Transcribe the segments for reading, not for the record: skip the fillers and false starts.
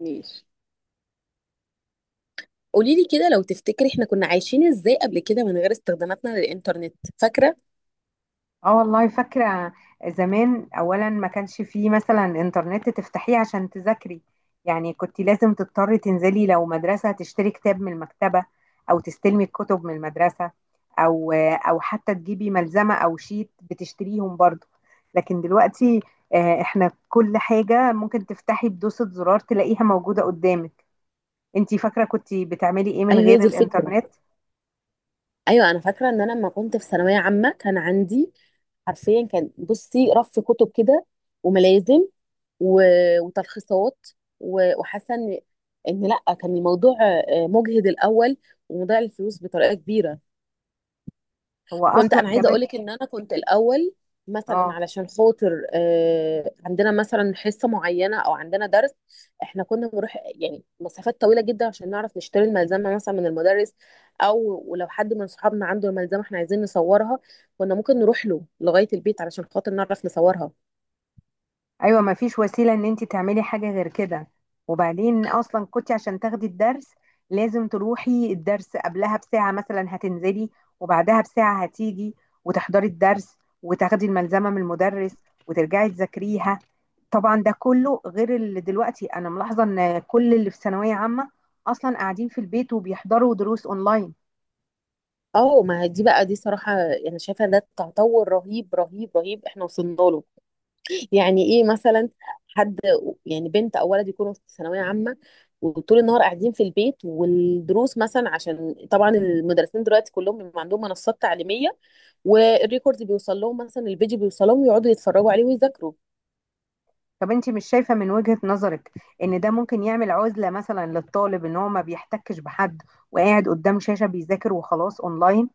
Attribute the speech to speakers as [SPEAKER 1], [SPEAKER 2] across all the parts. [SPEAKER 1] ماشي. قولي لي كده لو تفتكري احنا كنا عايشين ازاي قبل كده من غير استخداماتنا للإنترنت، فاكرة؟
[SPEAKER 2] اه والله فاكرة. زمان اولا ما كانش فيه مثلا انترنت تفتحيه عشان تذاكري، يعني كنت لازم تضطري تنزلي لو مدرسة تشتري كتاب من المكتبة، او تستلمي الكتب من المدرسة، او حتى تجيبي ملزمة او شيت بتشتريهم برضو. لكن دلوقتي احنا كل حاجة ممكن تفتحي بدوسة زرار تلاقيها موجودة قدامك. انتي فاكرة كنت بتعملي ايه من
[SPEAKER 1] ايوه هي
[SPEAKER 2] غير
[SPEAKER 1] دي الفكره.
[SPEAKER 2] الانترنت؟
[SPEAKER 1] ايوه انا فاكره ان انا لما كنت في ثانويه عامه كان عندي حرفيا، كان بصي رف كتب كده وملازم و- وتلخيصات و- وحاسه ان لا، كان الموضوع مجهد الاول ومضيع الفلوس بطريقه كبيره.
[SPEAKER 2] هو
[SPEAKER 1] كنت
[SPEAKER 2] اصلا
[SPEAKER 1] انا عايزه
[SPEAKER 2] كمان.
[SPEAKER 1] اقولك ان انا كنت الاول مثلا،
[SPEAKER 2] اه،
[SPEAKER 1] علشان خاطر عندنا مثلا حصه معينه او عندنا درس. احنا كنا بنروح يعني مسافات طويله جدا عشان نعرف نشتري الملزمه مثلا من المدرس، او ولو حد من صحابنا عنده الملزمه احنا عايزين نصورها، كنا ممكن نروح له لغايه البيت علشان خاطر نعرف نصورها.
[SPEAKER 2] ايوه، ما فيش وسيله ان انت تعملي حاجه غير كده. وبعدين اصلا كنت عشان تاخدي الدرس لازم تروحي الدرس قبلها بساعه، مثلا هتنزلي وبعدها بساعه هتيجي وتحضري الدرس وتاخدي الملزمه من المدرس وترجعي تذاكريها. طبعا ده كله غير اللي دلوقتي انا ملاحظه ان كل اللي في ثانويه عامه اصلا قاعدين في البيت وبيحضروا دروس اونلاين.
[SPEAKER 1] اه ما هي دي بقى، دي صراحه انا يعني شايفه ده تطور رهيب رهيب رهيب احنا وصلنا له. يعني ايه مثلا؟ حد يعني بنت او ولد يكونوا في ثانويه عامه، وطول النهار قاعدين في البيت والدروس مثلا، عشان طبعا المدرسين دلوقتي كلهم بيبقى عندهم منصات تعليميه، والريكورد بيوصل لهم، مثلا الفيديو بيوصل لهم ويقعدوا يتفرجوا عليه ويذاكروا.
[SPEAKER 2] طب انت مش شايفة من وجهة نظرك ان ده ممكن يعمل عزلة مثلا للطالب، ان هو ما بيحتكش بحد وقاعد قدام شاشة بيذاكر وخلاص اونلاين؟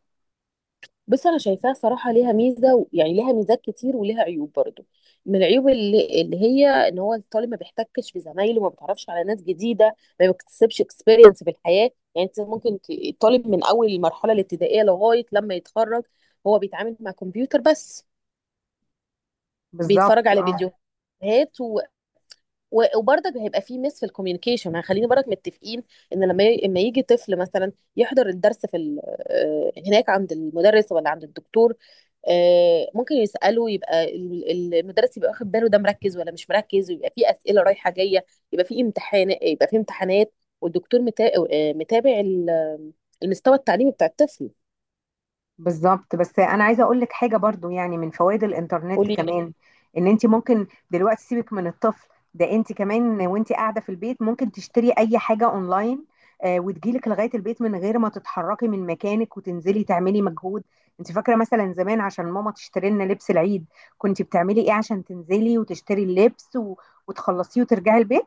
[SPEAKER 1] بص، انا شايفاها صراحه ليها ميزه، يعني ليها ميزات كتير وليها عيوب برضو. من العيوب اللي هي ان هو الطالب ما بيحتكش بزمايله، ما بيتعرفش على ناس جديده، ما بيكتسبش اكسبيرينس في الحياه. يعني انت ممكن الطالب من اول المرحله الابتدائيه لغايه لما يتخرج هو بيتعامل مع كمبيوتر بس، بيتفرج
[SPEAKER 2] بالظبط،
[SPEAKER 1] على
[SPEAKER 2] اه.
[SPEAKER 1] فيديوهات، و- وبرضك هيبقى في مس في الكوميونيكيشن. يعني خلينا برضك متفقين ان لما يجي طفل مثلا يحضر الدرس في هناك عند المدرس ولا عند الدكتور، ممكن يسأله، يبقى المدرس يبقى واخد باله، ده مركز ولا مش مركز، ويبقى في أسئلة رايحة جاية، يبقى في امتحان، يبقى في امتحانات، والدكتور متابع المستوى التعليمي بتاع الطفل.
[SPEAKER 2] بالظبط، بس انا عايزه اقول لك حاجه برضو يعني من فوائد الانترنت
[SPEAKER 1] قولي.
[SPEAKER 2] كمان، ان انت ممكن دلوقتي سيبك من الطفل، ده انت كمان وانت قاعده في البيت ممكن تشتري اي حاجه اونلاين وتجيلك لغايه البيت من غير ما تتحركي من مكانك وتنزلي تعملي مجهود. انت فاكره مثلا زمان عشان ماما تشتري لنا لبس العيد كنت بتعملي ايه عشان تنزلي وتشتري اللبس وتخلصيه وترجعي البيت؟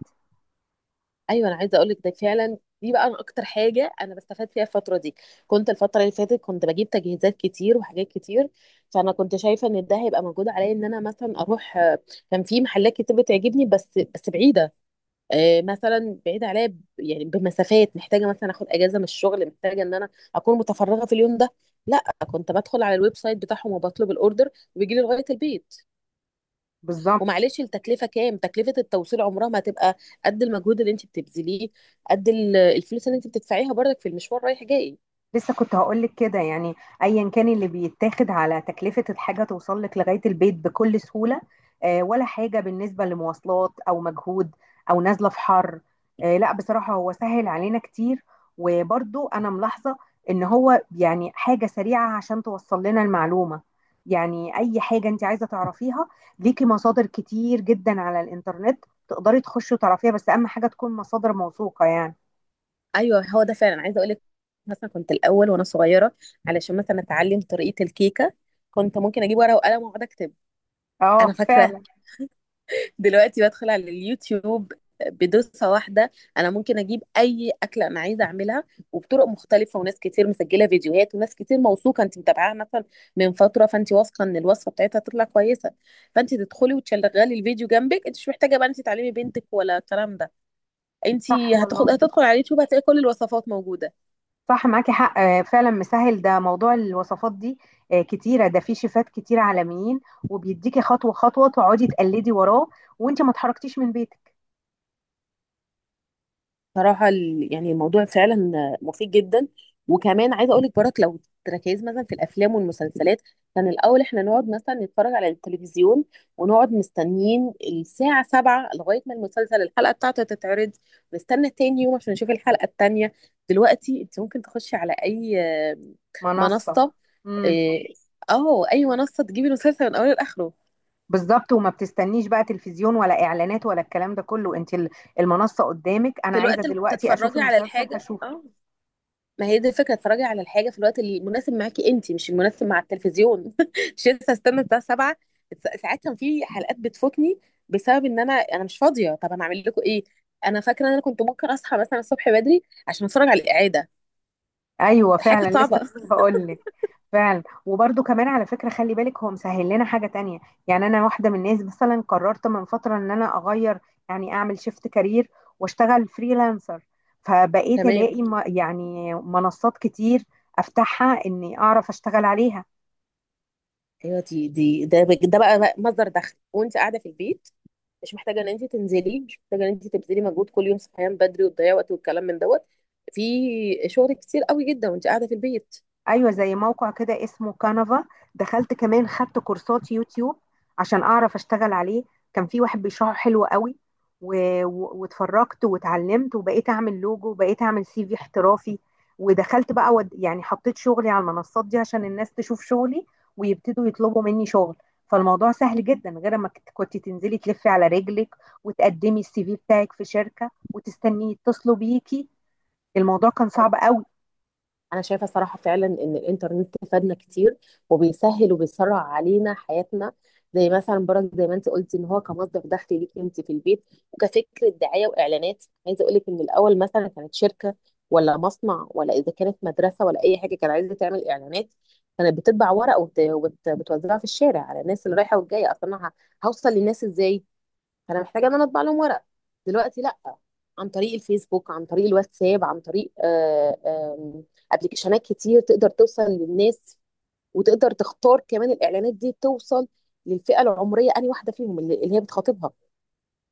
[SPEAKER 1] ايوه انا عايزه اقول لك، ده فعلا دي بقى أنا اكتر حاجه انا بستفاد فيها الفتره دي. كنت الفتره اللي فاتت كنت بجيب تجهيزات كتير وحاجات كتير، فانا كنت شايفه ان ده هيبقى موجود عليا ان انا مثلا اروح. كان في محلات كتير بتعجبني بس بعيده، مثلا بعيده عليا، يعني بمسافات، محتاجه مثلا اخد اجازه من الشغل، محتاجه ان انا اكون متفرغه في اليوم ده. لا، كنت بدخل على الويب سايت بتاعهم وبطلب الاوردر، وبيجي لي لغايه البيت.
[SPEAKER 2] بالظبط.
[SPEAKER 1] ومعلش التكلفه كام، تكلفه التوصيل عمرها ما هتبقى قد المجهود اللي انت بتبذليه، قد الفلوس اللي انت بتدفعيها برضك في المشوار رايح جاي.
[SPEAKER 2] لسه كنت هقولك كده، يعني ايا كان اللي بيتاخد على تكلفة الحاجة توصل لك لغاية البيت بكل سهولة ولا حاجة بالنسبة لمواصلات او مجهود او نازلة في حر. لا بصراحة هو سهل علينا كتير. وبرضو انا ملاحظة ان هو يعني حاجة سريعة عشان توصل لنا المعلومة، يعني اي حاجة انت عايزة تعرفيها ليكي مصادر كتير جدا على الانترنت تقدري تخشي وتعرفيها، بس اهم حاجة تكون مصادر موثوقة يعني.
[SPEAKER 1] ايوه هو ده فعلا، عايزه اقول لك، مثلا كنت الاول وانا صغيره علشان مثلا اتعلم طريقه الكيكه، كنت ممكن اجيب ورقه وقلم واقعد اكتب.
[SPEAKER 2] اه،
[SPEAKER 1] انا فاكره.
[SPEAKER 2] فعلا.
[SPEAKER 1] دلوقتي بدخل على اليوتيوب بدوسة واحدة، أنا ممكن أجيب أي أكلة أنا عايزة أعملها، وبطرق مختلفة، وناس كتير مسجلة فيديوهات، وناس كتير موثوقة أنت متابعاها مثلا من فترة، فأنت واثقة إن الوصفة بتاعتها تطلع كويسة، فأنت تدخلي وتشغلي الفيديو جنبك. أنت مش محتاجة بقى أنت تعلمي بنتك ولا الكلام ده، أنت
[SPEAKER 2] صح
[SPEAKER 1] هتاخد
[SPEAKER 2] والله.
[SPEAKER 1] هتدخل على اليوتيوب هتلاقي كل الوصفات موجودة.
[SPEAKER 2] صح، معاكي حق، فعلا مسهل ده موضوع الوصفات دي. كتيرة، ده في شيفات كتير عالميين وبيديكي خطوة خطوة تقعدي تقلدي وراه وانت ما اتحركتيش من بيتك.
[SPEAKER 1] صراحة يعني الموضوع فعلا مفيد جدا. وكمان عايزة اقولك برك، لو تركيز مثلا في الافلام والمسلسلات، كان الاول احنا نقعد مثلا نتفرج على التلفزيون، ونقعد مستنيين الساعة سبعة لغاية ما المسلسل الحلقة بتاعته تتعرض، نستنى تاني يوم عشان نشوف الحلقة التانية. دلوقتي انت ممكن تخشي على اي آه،
[SPEAKER 2] منصة.
[SPEAKER 1] منصة.
[SPEAKER 2] امم.
[SPEAKER 1] اه، اي منصة تجيبي المسلسل من اوله لاخره.
[SPEAKER 2] بالظبط، وما بتستنيش بقى تلفزيون ولا اعلانات ولا الكلام ده كله، انت المنصة قدامك، انا
[SPEAKER 1] في
[SPEAKER 2] عايزة
[SPEAKER 1] الوقت
[SPEAKER 2] دلوقتي اشوف
[SPEAKER 1] تتفرجي على
[SPEAKER 2] المسلسل
[SPEAKER 1] الحاجة،
[SPEAKER 2] هشوفه.
[SPEAKER 1] اه ما هي دي الفكرة، اتفرجي على الحاجة في الوقت اللي مناسب معاكي انت، مش المناسب مع التلفزيون. مش لسه استنى الساعة 7. ساعات كان في حلقات بتفوتني بسبب ان انا مش فاضية، طب انا اعمل لكم ايه؟ انا فاكرة ان انا كنت ممكن اصحى مثلا الصبح بدري عشان اتفرج على الإعادة.
[SPEAKER 2] ايوه،
[SPEAKER 1] الحاجة كانت
[SPEAKER 2] فعلا، لسه
[SPEAKER 1] صعبة.
[SPEAKER 2] كنت هقول لك. فعلا، وبرده كمان على فكره خلي بالك هو مسهل لنا حاجه تانية. يعني انا واحده من الناس مثلا قررت من فتره ان انا اغير، يعني اعمل شيفت كارير واشتغل فريلانسر. فبقيت
[SPEAKER 1] تمام.
[SPEAKER 2] الاقي يعني منصات كتير افتحها اني اعرف اشتغل عليها.
[SPEAKER 1] ايوه دي دي ده ده بقى بقى مصدر دخل وانت قاعدة في البيت، مش محتاجة ان انت تنزلي، مش محتاجة ان انت تبذلي مجهود كل يوم صحيان بدري وتضيعي وقت والكلام من دوت. في شغل كتير قوي جدا وانت قاعدة في البيت.
[SPEAKER 2] ايوه، زي موقع كده اسمه كانفا، دخلت كمان خدت كورسات يوتيوب عشان اعرف اشتغل عليه. كان في واحد بيشرحه حلو قوي و... واتفرجت واتعلمت وبقيت اعمل لوجو وبقيت اعمل سي في احترافي. ودخلت بقى يعني حطيت شغلي على المنصات دي عشان الناس تشوف شغلي ويبتدوا يطلبوا مني شغل. فالموضوع سهل جدا، غير ما كنت تنزلي تلفي على رجلك وتقدمي السي في بتاعك في شركة وتستني يتصلوا بيكي، الموضوع كان صعب قوي.
[SPEAKER 1] انا شايفه صراحه فعلا ان الانترنت فادنا كتير، وبيسهل وبيسرع علينا حياتنا، زي مثلا برك زي ما انت قلتي ان هو كمصدر دخل ليكي انت في البيت. وكفكره دعايه واعلانات، عايزه اقول لك ان الاول مثلا كانت شركه ولا مصنع ولا اذا كانت مدرسه ولا اي حاجه كانت عايزه تعمل اعلانات، كانت بتطبع ورق، وبت- وبت- وبتوزعها في الشارع على الناس اللي رايحه والجايه، اصلا أنا هوصل للناس ازاي، فانا محتاجه ان انا اطبع لهم ورق. دلوقتي لا، عن طريق الفيسبوك، عن طريق الواتساب، عن طريق آم، ابلكيشنات كتير تقدر توصل للناس، وتقدر تختار كمان الاعلانات دي توصل للفئه العمريه انهي واحده فيهم اللي هي بتخاطبها.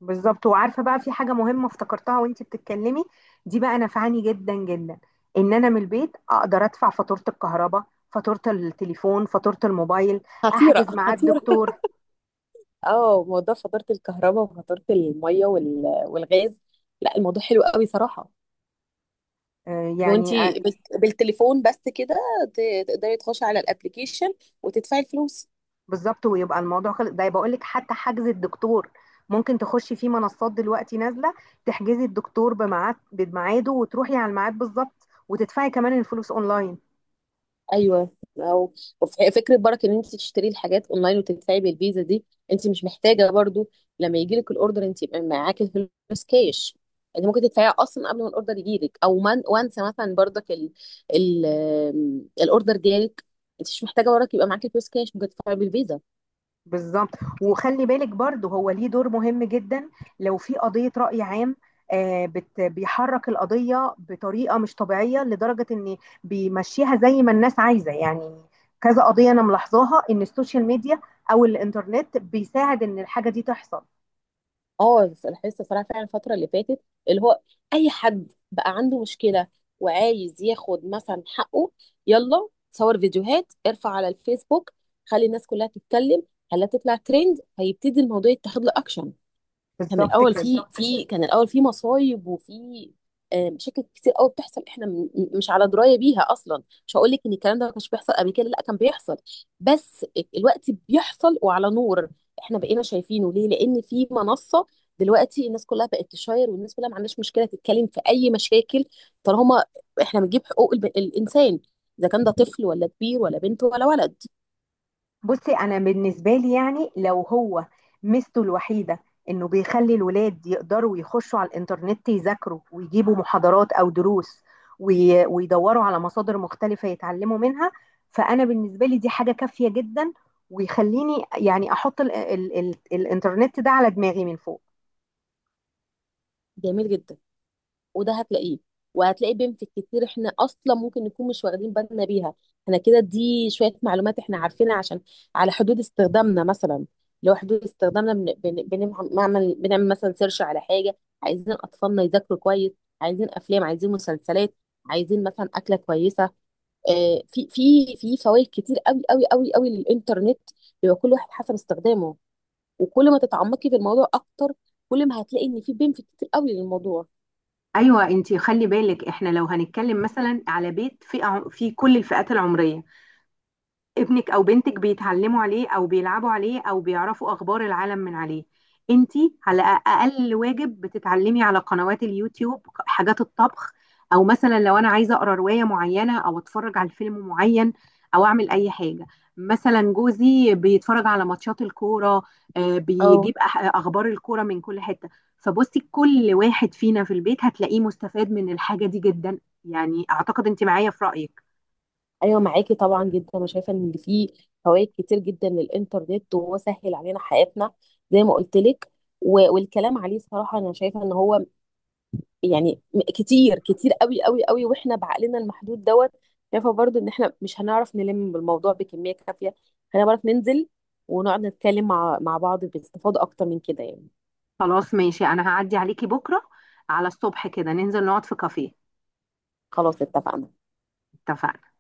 [SPEAKER 2] بالظبط. وعارفه بقى في حاجه مهمه افتكرتها وانتي بتتكلمي، دي بقى نفعني جدا جدا، ان انا من البيت اقدر ادفع فاتوره الكهرباء، فاتوره التليفون، فاتوره الموبايل،
[SPEAKER 1] خطيره،
[SPEAKER 2] احجز ميعاد
[SPEAKER 1] خطيره.
[SPEAKER 2] دكتور.
[SPEAKER 1] اه موضوع فاتوره الكهرباء وفاتوره الميه وال- والغاز، لا الموضوع حلو قوي صراحه.
[SPEAKER 2] آه، يعني آه،
[SPEAKER 1] وانتي بس- بالتليفون بس كده، تقدري تخشي على الابلكيشن وتدفعي الفلوس.
[SPEAKER 2] بالظبط، ويبقى الموضوع خلص. ده بقول لك حتى حجز الدكتور ممكن تخشي في منصات دلوقتي نازله تحجزي الدكتور بميعاده وتروحي على الميعاد بالظبط وتدفعي كمان الفلوس اونلاين.
[SPEAKER 1] ايوه. او، وف- فكره برك ان انت تشتري الحاجات اونلاين وتدفعي بالفيزا دي، انت مش محتاجه برضو لما يجي لك الاوردر انت يبقى معاكي فلوس كاش، انت ممكن تدفعيها اصلا قبل ما الاوردر يجي لك، او من وانسى مثلا برضك ال ال الاوردر جالك انت مش محتاجه برك يبقى معاكي فلوس كاش، ممكن تدفعي بالفيزا.
[SPEAKER 2] بالظبط. وخلي بالك برضه هو ليه دور مهم جدا، لو في قضية رأي عام، بيحرك القضية بطريقة مش طبيعية لدرجة ان بيمشيها زي ما الناس عايزة يعني. كذا قضية انا ملاحظاها ان السوشيال ميديا او الانترنت بيساعد ان الحاجة دي تحصل.
[SPEAKER 1] اه لاحظت الصراحه فعلا الفتره اللي فاتت، اللي هو اي حد بقى عنده مشكله وعايز ياخد مثلا حقه، يلا صور فيديوهات، ارفع على الفيسبوك، خلي الناس كلها تتكلم، خليها تطلع ترند، فيبتدي الموضوع يتاخد له اكشن.
[SPEAKER 2] بالظبط كده.
[SPEAKER 1] كان الاول في مصايب وفي مشاكل كتير قوي بتحصل احنا مش على درايه بيها اصلا. مش هقول لك ان الكلام ده ما كانش بيحصل قبل كده، لا كان بيحصل، بس الوقت بيحصل وعلى نور، احنا بقينا شايفينه. ليه؟ لان في منصه دلوقتي الناس كلها بقت تشاير، والناس كلها ما عندهاش مشكله تتكلم في اي مشاكل، طالما احنا بنجيب حقوق الانسان، اذا كان ده طفل ولا كبير ولا بنت ولا ولد.
[SPEAKER 2] بصي انا بالنسبه لي يعني لو هو ميزته الوحيده انه بيخلي الولاد يقدروا يخشوا على الانترنت يذاكروا ويجيبوا محاضرات او دروس ويدوروا على مصادر مختلفه يتعلموا منها، فانا بالنسبه لي دي حاجه كافيه جدا ويخليني يعني احط ال الانترنت ده على دماغي من فوق.
[SPEAKER 1] جميل جدا. وده هتلاقيه، وهتلاقي بنفك كتير احنا اصلا ممكن نكون مش واخدين بالنا بيها. احنا كده دي شويه معلومات احنا عارفينها عشان على حدود استخدامنا مثلا، لو حدود استخدامنا بنعمل مثلا سيرش على حاجه، عايزين اطفالنا يذاكروا كويس، عايزين افلام، عايزين مسلسلات، عايزين مثلا اكله كويسه. في في في فوائد كتير قوي قوي قوي قوي للانترنت، بيبقى كل واحد حسب استخدامه، وكل ما تتعمقي في الموضوع اكتر، كل ما هتلاقي ان في بنفيت كتير قوي للموضوع.
[SPEAKER 2] ايوه انتي خلي بالك احنا لو هنتكلم مثلا على بيت فئه في كل الفئات العمريه، ابنك او بنتك بيتعلموا عليه او بيلعبوا عليه او بيعرفوا اخبار العالم من عليه، انتي على اقل واجب بتتعلمي على قنوات اليوتيوب حاجات الطبخ، او مثلا لو انا عايزه اقرا روايه معينه او اتفرج على فيلم معين او اعمل اي حاجه، مثلا جوزي بيتفرج على ماتشات الكوره،
[SPEAKER 1] اه.
[SPEAKER 2] اخبار الكوره من كل حته. فبصي كل واحد فينا في البيت هتلاقيه مستفاد من الحاجه دي جدا، يعني اعتقد انت معايا في رايك.
[SPEAKER 1] ايوه معاكي طبعا جدا، انا شايفه ان في فوائد كتير جدا للانترنت، وهو سهل علينا حياتنا زي ما قلت لك. و- والكلام عليه صراحه انا شايفه ان هو يعني كتير كتير قوي قوي قوي، واحنا بعقلنا المحدود دوت شايفه برضو ان احنا مش هنعرف نلم بالموضوع بكميه كافيه، هنعرف ننزل ونقعد نتكلم مع بعض باستفاضه اكتر من كده يعني.
[SPEAKER 2] خلاص ماشي، انا هعدي عليكي بكره على الصبح كده ننزل نقعد في كافيه.
[SPEAKER 1] خلاص اتفقنا.
[SPEAKER 2] اتفقنا.